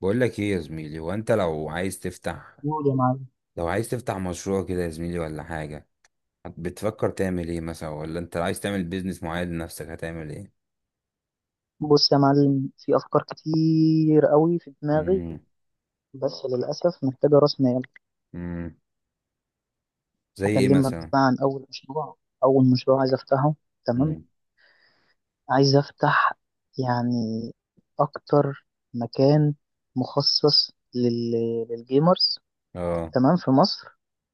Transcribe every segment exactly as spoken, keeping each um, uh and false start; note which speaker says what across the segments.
Speaker 1: بقول لك ايه يا زميلي؟ هو انت لو عايز تفتح
Speaker 2: قول يا معلم.
Speaker 1: لو عايز تفتح مشروع كده يا زميلي ولا حاجة؟ هت- بتفكر تعمل ايه مثلا، ولا انت عايز تعمل بيزنس معين لنفسك؟ هتعمل ايه؟
Speaker 2: بص يا معلم، في أفكار كتير قوي في دماغي،
Speaker 1: امم.
Speaker 2: بس للأسف محتاجة رأس مال.
Speaker 1: امم. زي ايه
Speaker 2: أكلمك
Speaker 1: مثلا؟
Speaker 2: بقى عن أول مشروع. أول مشروع عايز أفتحه، تمام.
Speaker 1: امم.
Speaker 2: عايز أفتح يعني أكتر مكان مخصص لل... للجيمرز،
Speaker 1: اه.
Speaker 2: تمام، في مصر.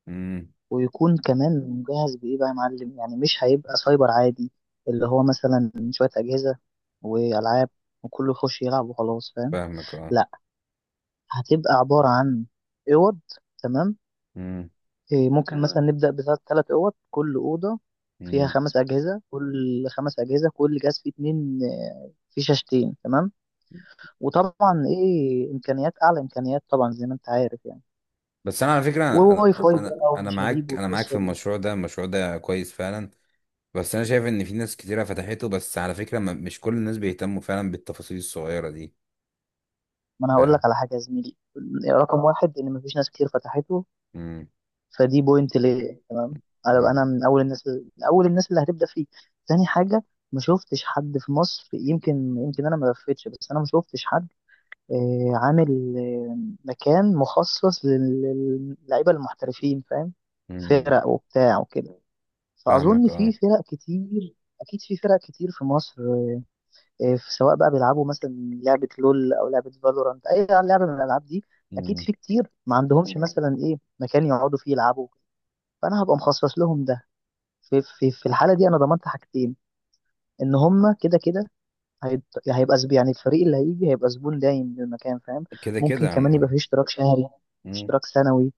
Speaker 1: امم.
Speaker 2: ويكون كمان مجهز بإيه بقى يا معلم؟ يعني مش هيبقى سايبر عادي، اللي هو مثلا شوية أجهزة وألعاب وكله يخش يلعب وخلاص، فاهم.
Speaker 1: فاهمك، اه.
Speaker 2: هتبقى عبارة عن أوض، تمام.
Speaker 1: امم.
Speaker 2: إيه، ممكن مثلا، تمام، نبدأ بثلاث ثلاث أوض، كل أوضة فيها
Speaker 1: امم.
Speaker 2: خمس أجهزة، كل خمس أجهزة كل جهاز فيه اتنين، آه، فيه شاشتين، تمام. وطبعا إيه إمكانيات أعلى، إمكانيات طبعا زي ما أنت عارف يعني.
Speaker 1: بس انا على فكرة انا
Speaker 2: وواي فاي
Speaker 1: انا
Speaker 2: بقى
Speaker 1: انا
Speaker 2: ومشاريب
Speaker 1: معاك، انا معاك في
Speaker 2: والقصة دي.
Speaker 1: المشروع ده المشروع ده كويس فعلا. بس انا شايف ان في ناس كتيرة فتحته، بس على فكرة ما- مش كل الناس بيهتموا فعلا بالتفاصيل الصغيرة دي.
Speaker 2: ما أنا هقول لك
Speaker 1: فاهم.
Speaker 2: على حاجة يا زميلي. رقم واحد، إن مفيش ناس كتير فتحته،
Speaker 1: امم.
Speaker 2: فدي بوينت ليه، تمام. هبقى انا
Speaker 1: امم.
Speaker 2: من اول الناس، من اول الناس اللي هتبدا فيه. تاني حاجه، ما شفتش حد في مصر، يمكن، يمكن انا ما لفتش، بس انا ما شفتش حد آه، عامل آه، مكان مخصص لل- للعيبه المحترفين، فاهم.
Speaker 1: امم.
Speaker 2: فرق وبتاع وكده، فاظن
Speaker 1: فاهمك،
Speaker 2: في
Speaker 1: اه.
Speaker 2: فرق كتير، اكيد في فرق كتير في مصر. آه، في، سواء بقى بيلعبوا مثلا لعبه لول او لعبه فالورانت، اي لعبه من الالعاب دي، اكيد
Speaker 1: مم.
Speaker 2: في كتير ما عندهمش مثلا ايه مكان يقعدوا فيه يلعبوا، فانا هبقى مخصص لهم ده. في في في الحاله دي انا ضمنت حاجتين: ان هم كده كده هيت- هيبقى زب- يعني الفريق اللي هيجي هيبقى زبون دايم للمكان، فاهم.
Speaker 1: كده
Speaker 2: ممكن
Speaker 1: كده
Speaker 2: كمان يبقى
Speaker 1: يعني.
Speaker 2: فيه اشتراك شهري،
Speaker 1: مم.
Speaker 2: اشتراك سنوي،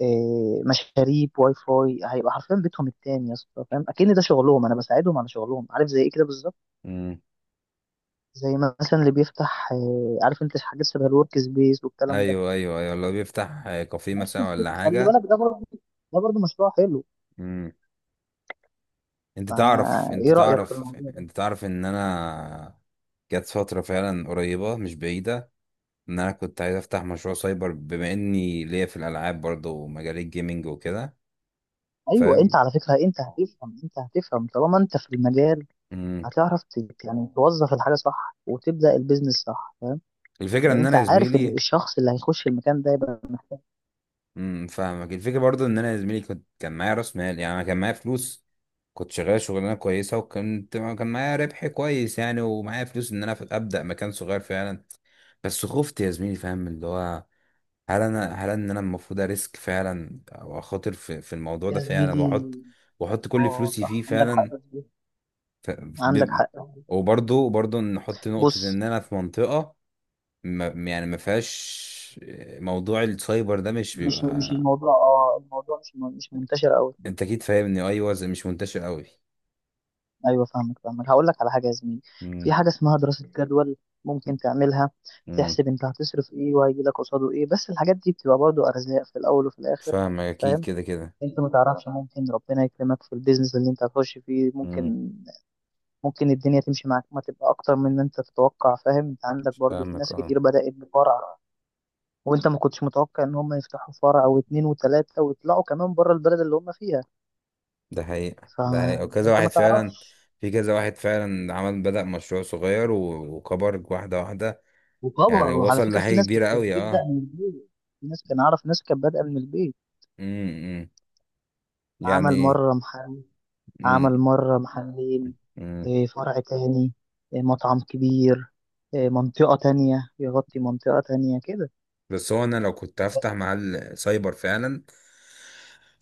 Speaker 2: إيه، مشاريب، واي فاي. هيبقى حرفيا بيتهم التاني يا اسطى، فاهم، اكن ده شغلهم، انا بساعدهم على شغلهم، عارف، زي ايه كده بالظبط،
Speaker 1: مم.
Speaker 2: زي مثلا اللي بيفتح إيه، عارف انت حاجات شبه الورك سبيس والكلام ده.
Speaker 1: ايوه ايوه ايوه. لو بيفتح آه، كافيه
Speaker 2: نفس
Speaker 1: مثلا ولا
Speaker 2: الفكرة. خلي
Speaker 1: حاجه.
Speaker 2: بالك ده برضه، ده برضه مشروع حلو.
Speaker 1: مم. انت تعرف انت
Speaker 2: فايه رايك في
Speaker 1: تعرف
Speaker 2: الموضوع؟
Speaker 1: انت تعرف ان انا جت فتره فعلا قريبه مش بعيده، ان انا كنت عايز افتح مشروع سايبر، بما اني ليا في الالعاب برضه ومجال الجيمنج وكده.
Speaker 2: ايوه، انت
Speaker 1: فاهم.
Speaker 2: على فكره انت هتفهم، انت هتفهم طالما انت في المجال.
Speaker 1: مم.
Speaker 2: هتعرف ت- يعني توظف الحاجه صح وتبدا البيزنس صح، فاهم.
Speaker 1: الفكره
Speaker 2: لان
Speaker 1: ان
Speaker 2: انت
Speaker 1: انا يا
Speaker 2: عارف ال-
Speaker 1: زميلي.
Speaker 2: الشخص اللي هيخش المكان ده يبقى
Speaker 1: امم. فاهمك. الفكره برضو ان انا يا زميلي كنت كان معايا راس مال، يعني انا كان معايا فلوس. كنت شغال شغلانه كويسه، وكنت كان معايا ربح كويس يعني، ومعايا فلوس ان انا أف- ابدا مكان صغير فعلا. بس خفت يا زميلي، فاهم؟ اللي هو، هل انا هل ان انا المفروض اريسك فعلا، او اخاطر في, في الموضوع ده
Speaker 2: يا
Speaker 1: فعلا، واحط
Speaker 2: زميلي،
Speaker 1: واحط كل
Speaker 2: اه
Speaker 1: فلوسي فيه
Speaker 2: صح، عندك حق
Speaker 1: فعلا.
Speaker 2: في دي.
Speaker 1: ف...
Speaker 2: عندك
Speaker 1: ب...
Speaker 2: حق.
Speaker 1: وبرضو برضو نحط نقطه،
Speaker 2: بص،
Speaker 1: ان انا في منطقه ما، يعني ما فيهاش موضوع السايبر ده، مش
Speaker 2: مش مش
Speaker 1: بيبقى.
Speaker 2: الموضوع، اه الموضوع مش م- مش منتشر قوي.
Speaker 1: انت اكيد فاهمني؟ ايوه، زي مش منتشر قوي.
Speaker 2: ايوه فاهمك، فاهمك، هقول لك على حاجه يا زميلي.
Speaker 1: امم.
Speaker 2: في حاجه اسمها دراسه جدول، ممكن تعملها،
Speaker 1: امم،
Speaker 2: تحسب انت هتصرف ايه وهيجي لك قصاده ايه، بس الحاجات دي بتبقى برضو ارزاق في الاول وفي الاخر،
Speaker 1: فاهمك، اكيد
Speaker 2: فاهم.
Speaker 1: كده كده.
Speaker 2: انت ما تعرفش، ممكن ربنا يكرمك في البيزنس اللي انت هتخش فيه،
Speaker 1: امم.
Speaker 2: ممكن ممكن الدنيا تمشي معاك ما تبقى اكتر من ان انت تتوقع، فاهم. انت عندك برضو في
Speaker 1: فاهمك،
Speaker 2: ناس
Speaker 1: اه.
Speaker 2: كتير بدأت بفرع، وانت ما كنتش متوقع ان هم يفتحوا فرع او اتنين وتلاتة، ويطلعوا كمان بره البلد اللي هم فيها،
Speaker 1: ده حقيقة، ده حقيقة وكذا
Speaker 2: فانت
Speaker 1: واحد
Speaker 2: ما
Speaker 1: فعلا.
Speaker 2: تعرفش.
Speaker 1: في كذا واحد فعلا عمل، بدأ مشروع صغير و- وكبر واحدة واحدة، يعني
Speaker 2: وكبر. وعلى
Speaker 1: وصل
Speaker 2: فكرة في
Speaker 1: لحاجة
Speaker 2: ناس
Speaker 1: كبيرة
Speaker 2: بت-
Speaker 1: قوي،
Speaker 2: بتبدأ
Speaker 1: اه.
Speaker 2: من البيت، في ناس كان اعرف ناس كانت بادئة من البيت.
Speaker 1: امم. يعني
Speaker 2: عمل
Speaker 1: ايه؟
Speaker 2: مرة محل، عمل مرة محلين،
Speaker 1: امم.
Speaker 2: إيه، فرع تاني، إيه، مطعم كبير، إيه، منطقة تانية، يغطي منطقة تانية كده.
Speaker 1: بس هو انا لو كنت
Speaker 2: بس
Speaker 1: هفتح محل سايبر فعلا،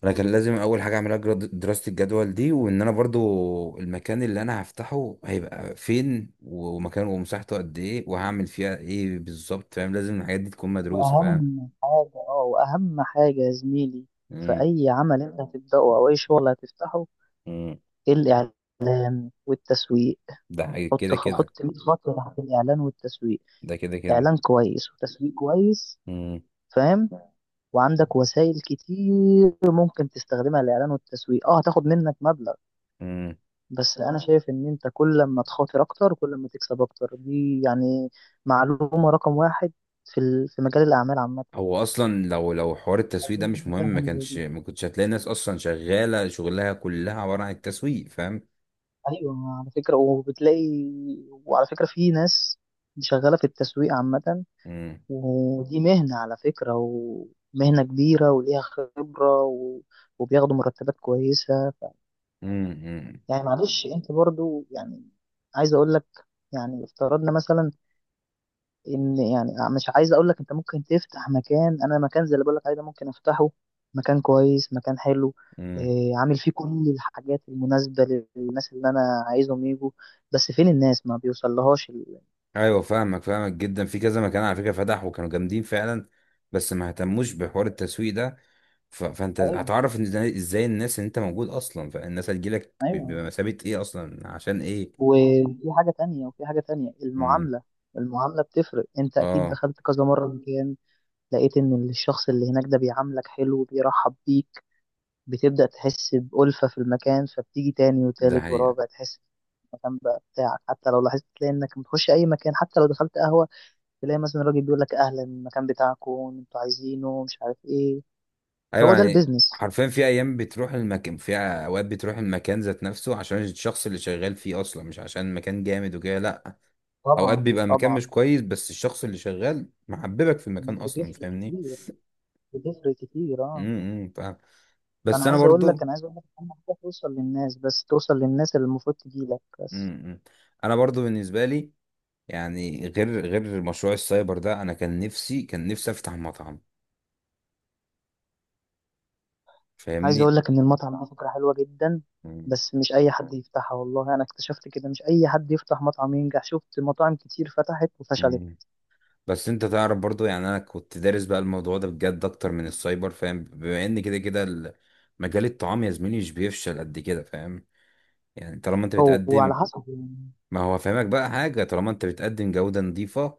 Speaker 1: انا كان لازم اول حاجه اعملها جراد- دراسه الجدول دي، وان انا برضو المكان اللي انا هفتحه هيبقى فين، ومكانه، ومساحته قد ايه، وهعمل فيها ايه بالظبط، فاهم؟ لازم الحاجات دي تكون مدروسه، فاهم؟
Speaker 2: وأهم حاجة، اه، وأهم حاجة يا زميلي في
Speaker 1: امم.
Speaker 2: أي عمل أنت هتبدأه أو أي شغل هتفتحه:
Speaker 1: امم.
Speaker 2: الإعلان والتسويق.
Speaker 1: ده حاجة
Speaker 2: حط
Speaker 1: كده كده.
Speaker 2: حط مية خط تحت الإعلان والتسويق.
Speaker 1: ده كده كده.
Speaker 2: إعلان كويس وتسويق كويس،
Speaker 1: امم.
Speaker 2: فاهم. وعندك وسائل كتير ممكن تستخدمها. الإعلان والتسويق اه هتاخد منك مبلغ،
Speaker 1: امم.
Speaker 2: بس انا شايف ان انت كل ما تخاطر اكتر كل ما تكسب اكتر، دي يعني معلومة رقم واحد في ال- في مجال الاعمال عامة.
Speaker 1: هو اصلا لو لو حوار التسويق ده
Speaker 2: اظن
Speaker 1: مش
Speaker 2: انت
Speaker 1: مهم،
Speaker 2: فاهم
Speaker 1: ما
Speaker 2: حاجة زي
Speaker 1: كانش
Speaker 2: دي،
Speaker 1: ما كنتش هتلاقي ناس اصلا شغاله شغلها كلها عباره عن التسويق، فاهم؟
Speaker 2: ايوه. على فكرة، وبتلاقي، وعلى فكرة في ناس شغالة في التسويق عامة،
Speaker 1: امم.
Speaker 2: ودي مهنة على فكرة، ومهنة كبيرة وليها خبرة و... وبياخدوا مرتبات كويسة. ف...
Speaker 1: امم. امم،
Speaker 2: يعني معلش انت برضو يعني، عايز اقول لك، يعني افترضنا مثلا ان، يعني مش عايز اقول لك، انت ممكن تفتح مكان، انا مكان زي اللي بقول لك عليه ده ممكن افتحه. مكان كويس، مكان حلو،
Speaker 1: امم.
Speaker 2: إيه عامل فيه كل الحاجات المناسبة للناس اللي انا عايزهم يجوا، بس فين الناس؟ ما بيوصلهاش ال-
Speaker 1: ايوه فاهمك، فاهمك جدا. في كذا مكان على فكره فتح وكانوا جامدين فعلا، بس ما اهتموش بحوار التسويق ده. ف... فانت
Speaker 2: ايوه
Speaker 1: هتعرف ان ازاي، إزاي الناس ان انت موجود اصلا، فالناس هتجيلك ب-
Speaker 2: ايوه.
Speaker 1: بمثابه ايه اصلا، عشان ايه.
Speaker 2: وفي حاجة تانية، وفي حاجة تانية:
Speaker 1: امم.
Speaker 2: المعاملة. المعاملة بتفرق. انت اكيد
Speaker 1: اه.
Speaker 2: دخلت كذا مرة مكان، لقيت ان الشخص اللي هناك ده بيعاملك حلو، بيرحب بيك، بتبدأ تحس بألفة في المكان، فبتيجي تاني
Speaker 1: ده
Speaker 2: وتالت
Speaker 1: حقيقه.
Speaker 2: ورابع، تحس المكان بقى بتاعك. حتى لو لاحظت تلاقي انك بتخش اي مكان، حتى لو دخلت قهوه، تلاقي مثلا الراجل بيقول لك اهلا، المكان بتاعكم، انتوا عايزينه مش عارف ايه.
Speaker 1: ايوه
Speaker 2: هو ده
Speaker 1: يعني.
Speaker 2: البيزنس.
Speaker 1: حرفيا في ايام بتروح المكان، في اوقات بتروح المكان ذات نفسه عشان الشخص اللي شغال فيه اصلا، مش عشان المكان جامد وكده، لا. اوقات
Speaker 2: طبعا
Speaker 1: بيبقى المكان
Speaker 2: طبعا.
Speaker 1: مش كويس، بس الشخص اللي شغال محببك في المكان اصلا،
Speaker 2: بتفرق
Speaker 1: فاهمني؟
Speaker 2: كتير. بتفرق كتير اه.
Speaker 1: امم. أمم، فاهم.
Speaker 2: انا
Speaker 1: بس انا
Speaker 2: عايز اقول لك،
Speaker 1: برضو.
Speaker 2: انا عايز اقول لك اهم حاجه توصل للناس، بس توصل للناس اللي المفروض تجي لك
Speaker 1: امم.
Speaker 2: بس.
Speaker 1: امم. انا برضو بالنسبه لي، يعني غير غير مشروع السايبر ده، انا كان نفسي كان نفسي افتح مطعم،
Speaker 2: عايز
Speaker 1: فاهمني.
Speaker 2: اقول لك ان المطعم ده فكره حلوه جدا،
Speaker 1: مم.
Speaker 2: بس مش اي حد يفتحها والله. انا اكتشفت كده، مش اي حد يفتح مطعم ينجح، شفت مطاعم كتير فتحت وفشلت.
Speaker 1: مم. بس انت تعرف برضو، يعني انا كنت دارس بقى الموضوع ده بجد اكتر من السايبر، فاهم؟ بما ان كده كده ال- مجال الطعام يا زميلي مش بيفشل قد كده، فاهم؟ يعني طالما انت
Speaker 2: هو على
Speaker 1: بتقدم.
Speaker 2: حسب يعني.
Speaker 1: ما هو فاهمك بقى، حاجه طالما انت بتقدم جوده نظيفه،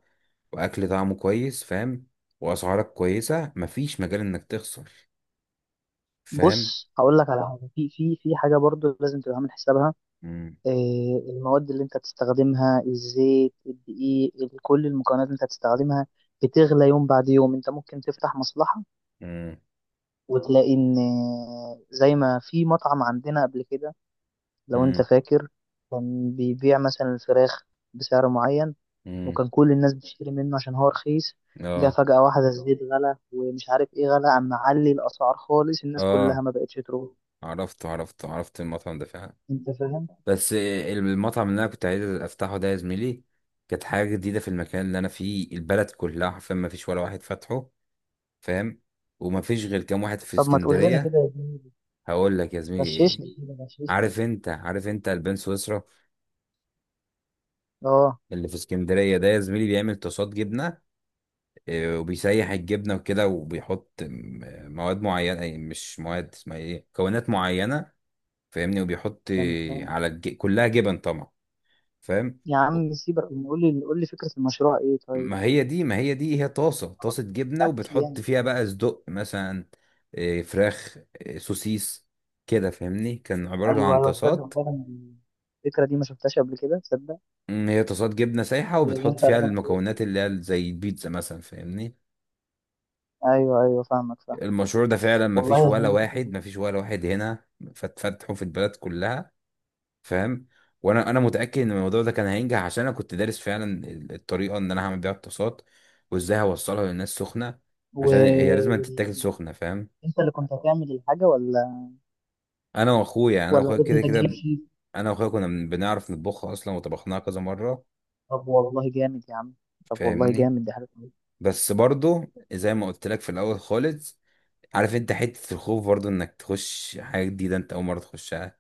Speaker 1: واكل طعمه كويس، فاهم؟ واسعارك كويسه، مفيش مجال انك تخسر، فاهم.
Speaker 2: بص، هقول لك على حاجه، في في في حاجه برضو لازم تبقى عامل حسابها.
Speaker 1: مم.
Speaker 2: آه، المواد اللي انت هتستخدمها، الزيت، الدقيق، ال- كل المكونات اللي انت هتستخدمها بتغلى يوم بعد يوم. انت ممكن تفتح مصلحه
Speaker 1: مم.
Speaker 2: وتلاقي ان، آه، زي ما في مطعم عندنا قبل كده، لو انت
Speaker 1: مم.
Speaker 2: فاكر، كان بيبيع مثلا الفراخ بسعر معين،
Speaker 1: امم.
Speaker 2: وكان كل الناس بتشتري منه عشان هو رخيص. جه
Speaker 1: اه.
Speaker 2: فجأة واحدة الزيت غلى ومش عارف ايه غلى، عم معلي الأسعار خالص، الناس كلها
Speaker 1: اه،
Speaker 2: ما بقتش تروح،
Speaker 1: عرفته عرفته عرفت المطعم ده فعلا.
Speaker 2: انت فاهم.
Speaker 1: بس المطعم اللي انا كنت عايز افتحه ده يا زميلي، كانت حاجه جديده في المكان اللي انا فيه. البلد كلها حرفيا ما فيش ولا واحد فاتحه، فاهم. وما فيش غير كام واحد في
Speaker 2: طب ما تقول لنا
Speaker 1: اسكندريه.
Speaker 2: كده يا زميلي،
Speaker 1: هقول لك يا زميلي ايه،
Speaker 2: غششني كده، غششني.
Speaker 1: عارف انت عارف انت البان سويسرا
Speaker 2: اه
Speaker 1: اللي في اسكندريه ده يا زميلي، بيعمل طاسات جبنه، آه، وبيسيح الجبنه وكده، وبيحط م- مواد معينه، أي مش مواد، اسمها ايه، مكونات معينه، فاهمني؟ وبيحط
Speaker 2: تمام.
Speaker 1: على الج... كلها جبن طبعا، فاهم.
Speaker 2: يا عم سيبك، قول لي، قول لي فكرة المشروع ايه طيب.
Speaker 1: ما هي دي ما هي دي هي طاسة طاسة جبنة،
Speaker 2: اكل
Speaker 1: وبتحط
Speaker 2: يعني؟
Speaker 1: فيها بقى صدق مثلا إيه، فراخ، إيه، سوسيس، كده فاهمني. كان عبارة
Speaker 2: ايوه
Speaker 1: عن
Speaker 2: ايوه، تصدق
Speaker 1: طاسات.
Speaker 2: فعلا الفكرة دي ما شفتهاش قبل كده، تصدق.
Speaker 1: مم، هي طاسات جبنة سايحة،
Speaker 2: هي اللي
Speaker 1: وبتحط
Speaker 2: انت
Speaker 1: فيها
Speaker 2: رسمت فيها.
Speaker 1: المكونات اللي هي زي البيتزا مثلا، فاهمني.
Speaker 2: ايوه ايوه فاهمك، فاهم.
Speaker 1: المشروع ده فعلا ما
Speaker 2: والله
Speaker 1: فيش
Speaker 2: يا
Speaker 1: ولا
Speaker 2: زميلي فكرة
Speaker 1: واحد،
Speaker 2: حلوة.
Speaker 1: ما فيش ولا واحد هنا، فتفتحه في البلد كلها، فاهم. وانا انا متاكد ان الموضوع ده كان هينجح، عشان انا كنت دارس فعلا ال- الطريقه ان انا هعمل بيها الطاسات، وازاي هوصلها للناس سخنه،
Speaker 2: و...
Speaker 1: عشان هي لازم تتاكل
Speaker 2: وال-
Speaker 1: سخنه، فاهم.
Speaker 2: انت اللي كنت هتعمل الحاجة ولا،
Speaker 1: انا واخويا يعني انا
Speaker 2: ولا
Speaker 1: واخويا
Speaker 2: كنت
Speaker 1: كده
Speaker 2: هتجيب
Speaker 1: كده،
Speaker 2: شيء؟
Speaker 1: انا واخويا كنا بن- بنعرف نطبخها اصلا، وطبخناها كذا مره،
Speaker 2: طب والله جامد يا عم، طب والله
Speaker 1: فاهمني.
Speaker 2: جامد، دي حاجة.
Speaker 1: بس برضو زي ما قلت لك في الاول خالص، عارف انت حته الخوف برضو انك تخش حاجه جديده انت اول مره تخشها.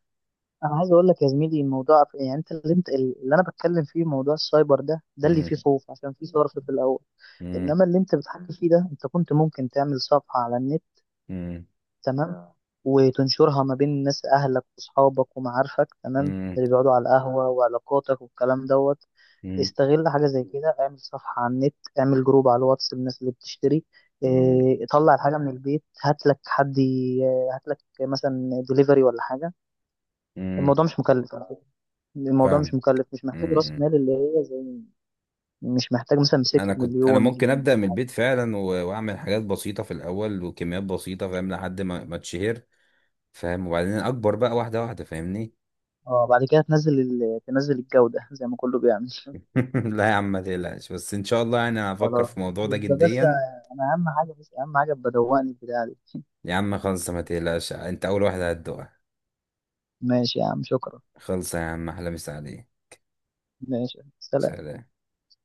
Speaker 2: انا عايز اقول لك يا زميلي الموضوع في- يعني انت اللي انت اللي انا بتكلم فيه موضوع السايبر ده، ده اللي
Speaker 1: مم،
Speaker 2: فيه خوف عشان فيه صرف في الاول.
Speaker 1: مم،
Speaker 2: انما اللي انت بتحكي فيه ده، انت كنت ممكن تعمل صفحة على النت،
Speaker 1: مم،
Speaker 2: تمام، وتنشرها ما بين الناس، اهلك واصحابك ومعارفك، تمام،
Speaker 1: مم،
Speaker 2: اللي بيقعدوا على القهوة وعلاقاتك والكلام دوت.
Speaker 1: مم،
Speaker 2: استغل حاجة زي كده، اعمل صفحة على النت، اعمل جروب على الواتس للناس اللي بتشتري،
Speaker 1: مم،
Speaker 2: إيه، طلع الحاجة من البيت، هات لك حد ي- هات لك مثلا دليفري ولا حاجة.
Speaker 1: مم.
Speaker 2: الموضوع مش مكلف، الموضوع مش مكلف، مش محتاج راس
Speaker 1: فاهم.
Speaker 2: مال اللي هي زي، مش محتاج مثلا
Speaker 1: انا
Speaker 2: سكة
Speaker 1: كنت انا
Speaker 2: مليون
Speaker 1: ممكن
Speaker 2: جنيه.
Speaker 1: ابدا من البيت فعلا، و- واعمل حاجات بسيطه في الاول وكميات بسيطه، فاهم؟ لحد ما ما اتشهر، فاهم. وبعدين اكبر بقى واحده واحده، فاهمني.
Speaker 2: اه بعد كده تنزل ال... تنزل الجودة زي ما كله بيعمل.
Speaker 1: لا يا عم ما تقلقش، بس ان شاء الله يعني انا هفكر
Speaker 2: خلاص،
Speaker 1: في الموضوع ده
Speaker 2: يبقى بس،
Speaker 1: جديا.
Speaker 2: انا اهم حاجة، بس اهم حاجة بدوقني البتاع دي.
Speaker 1: يا عم خلص ما تقلقش، انت اول واحده هتدوقها.
Speaker 2: ماشي يا عم شكرا.
Speaker 1: خلص يا عم، احلى مسا عليه.
Speaker 2: ماشي سلام
Speaker 1: سلام.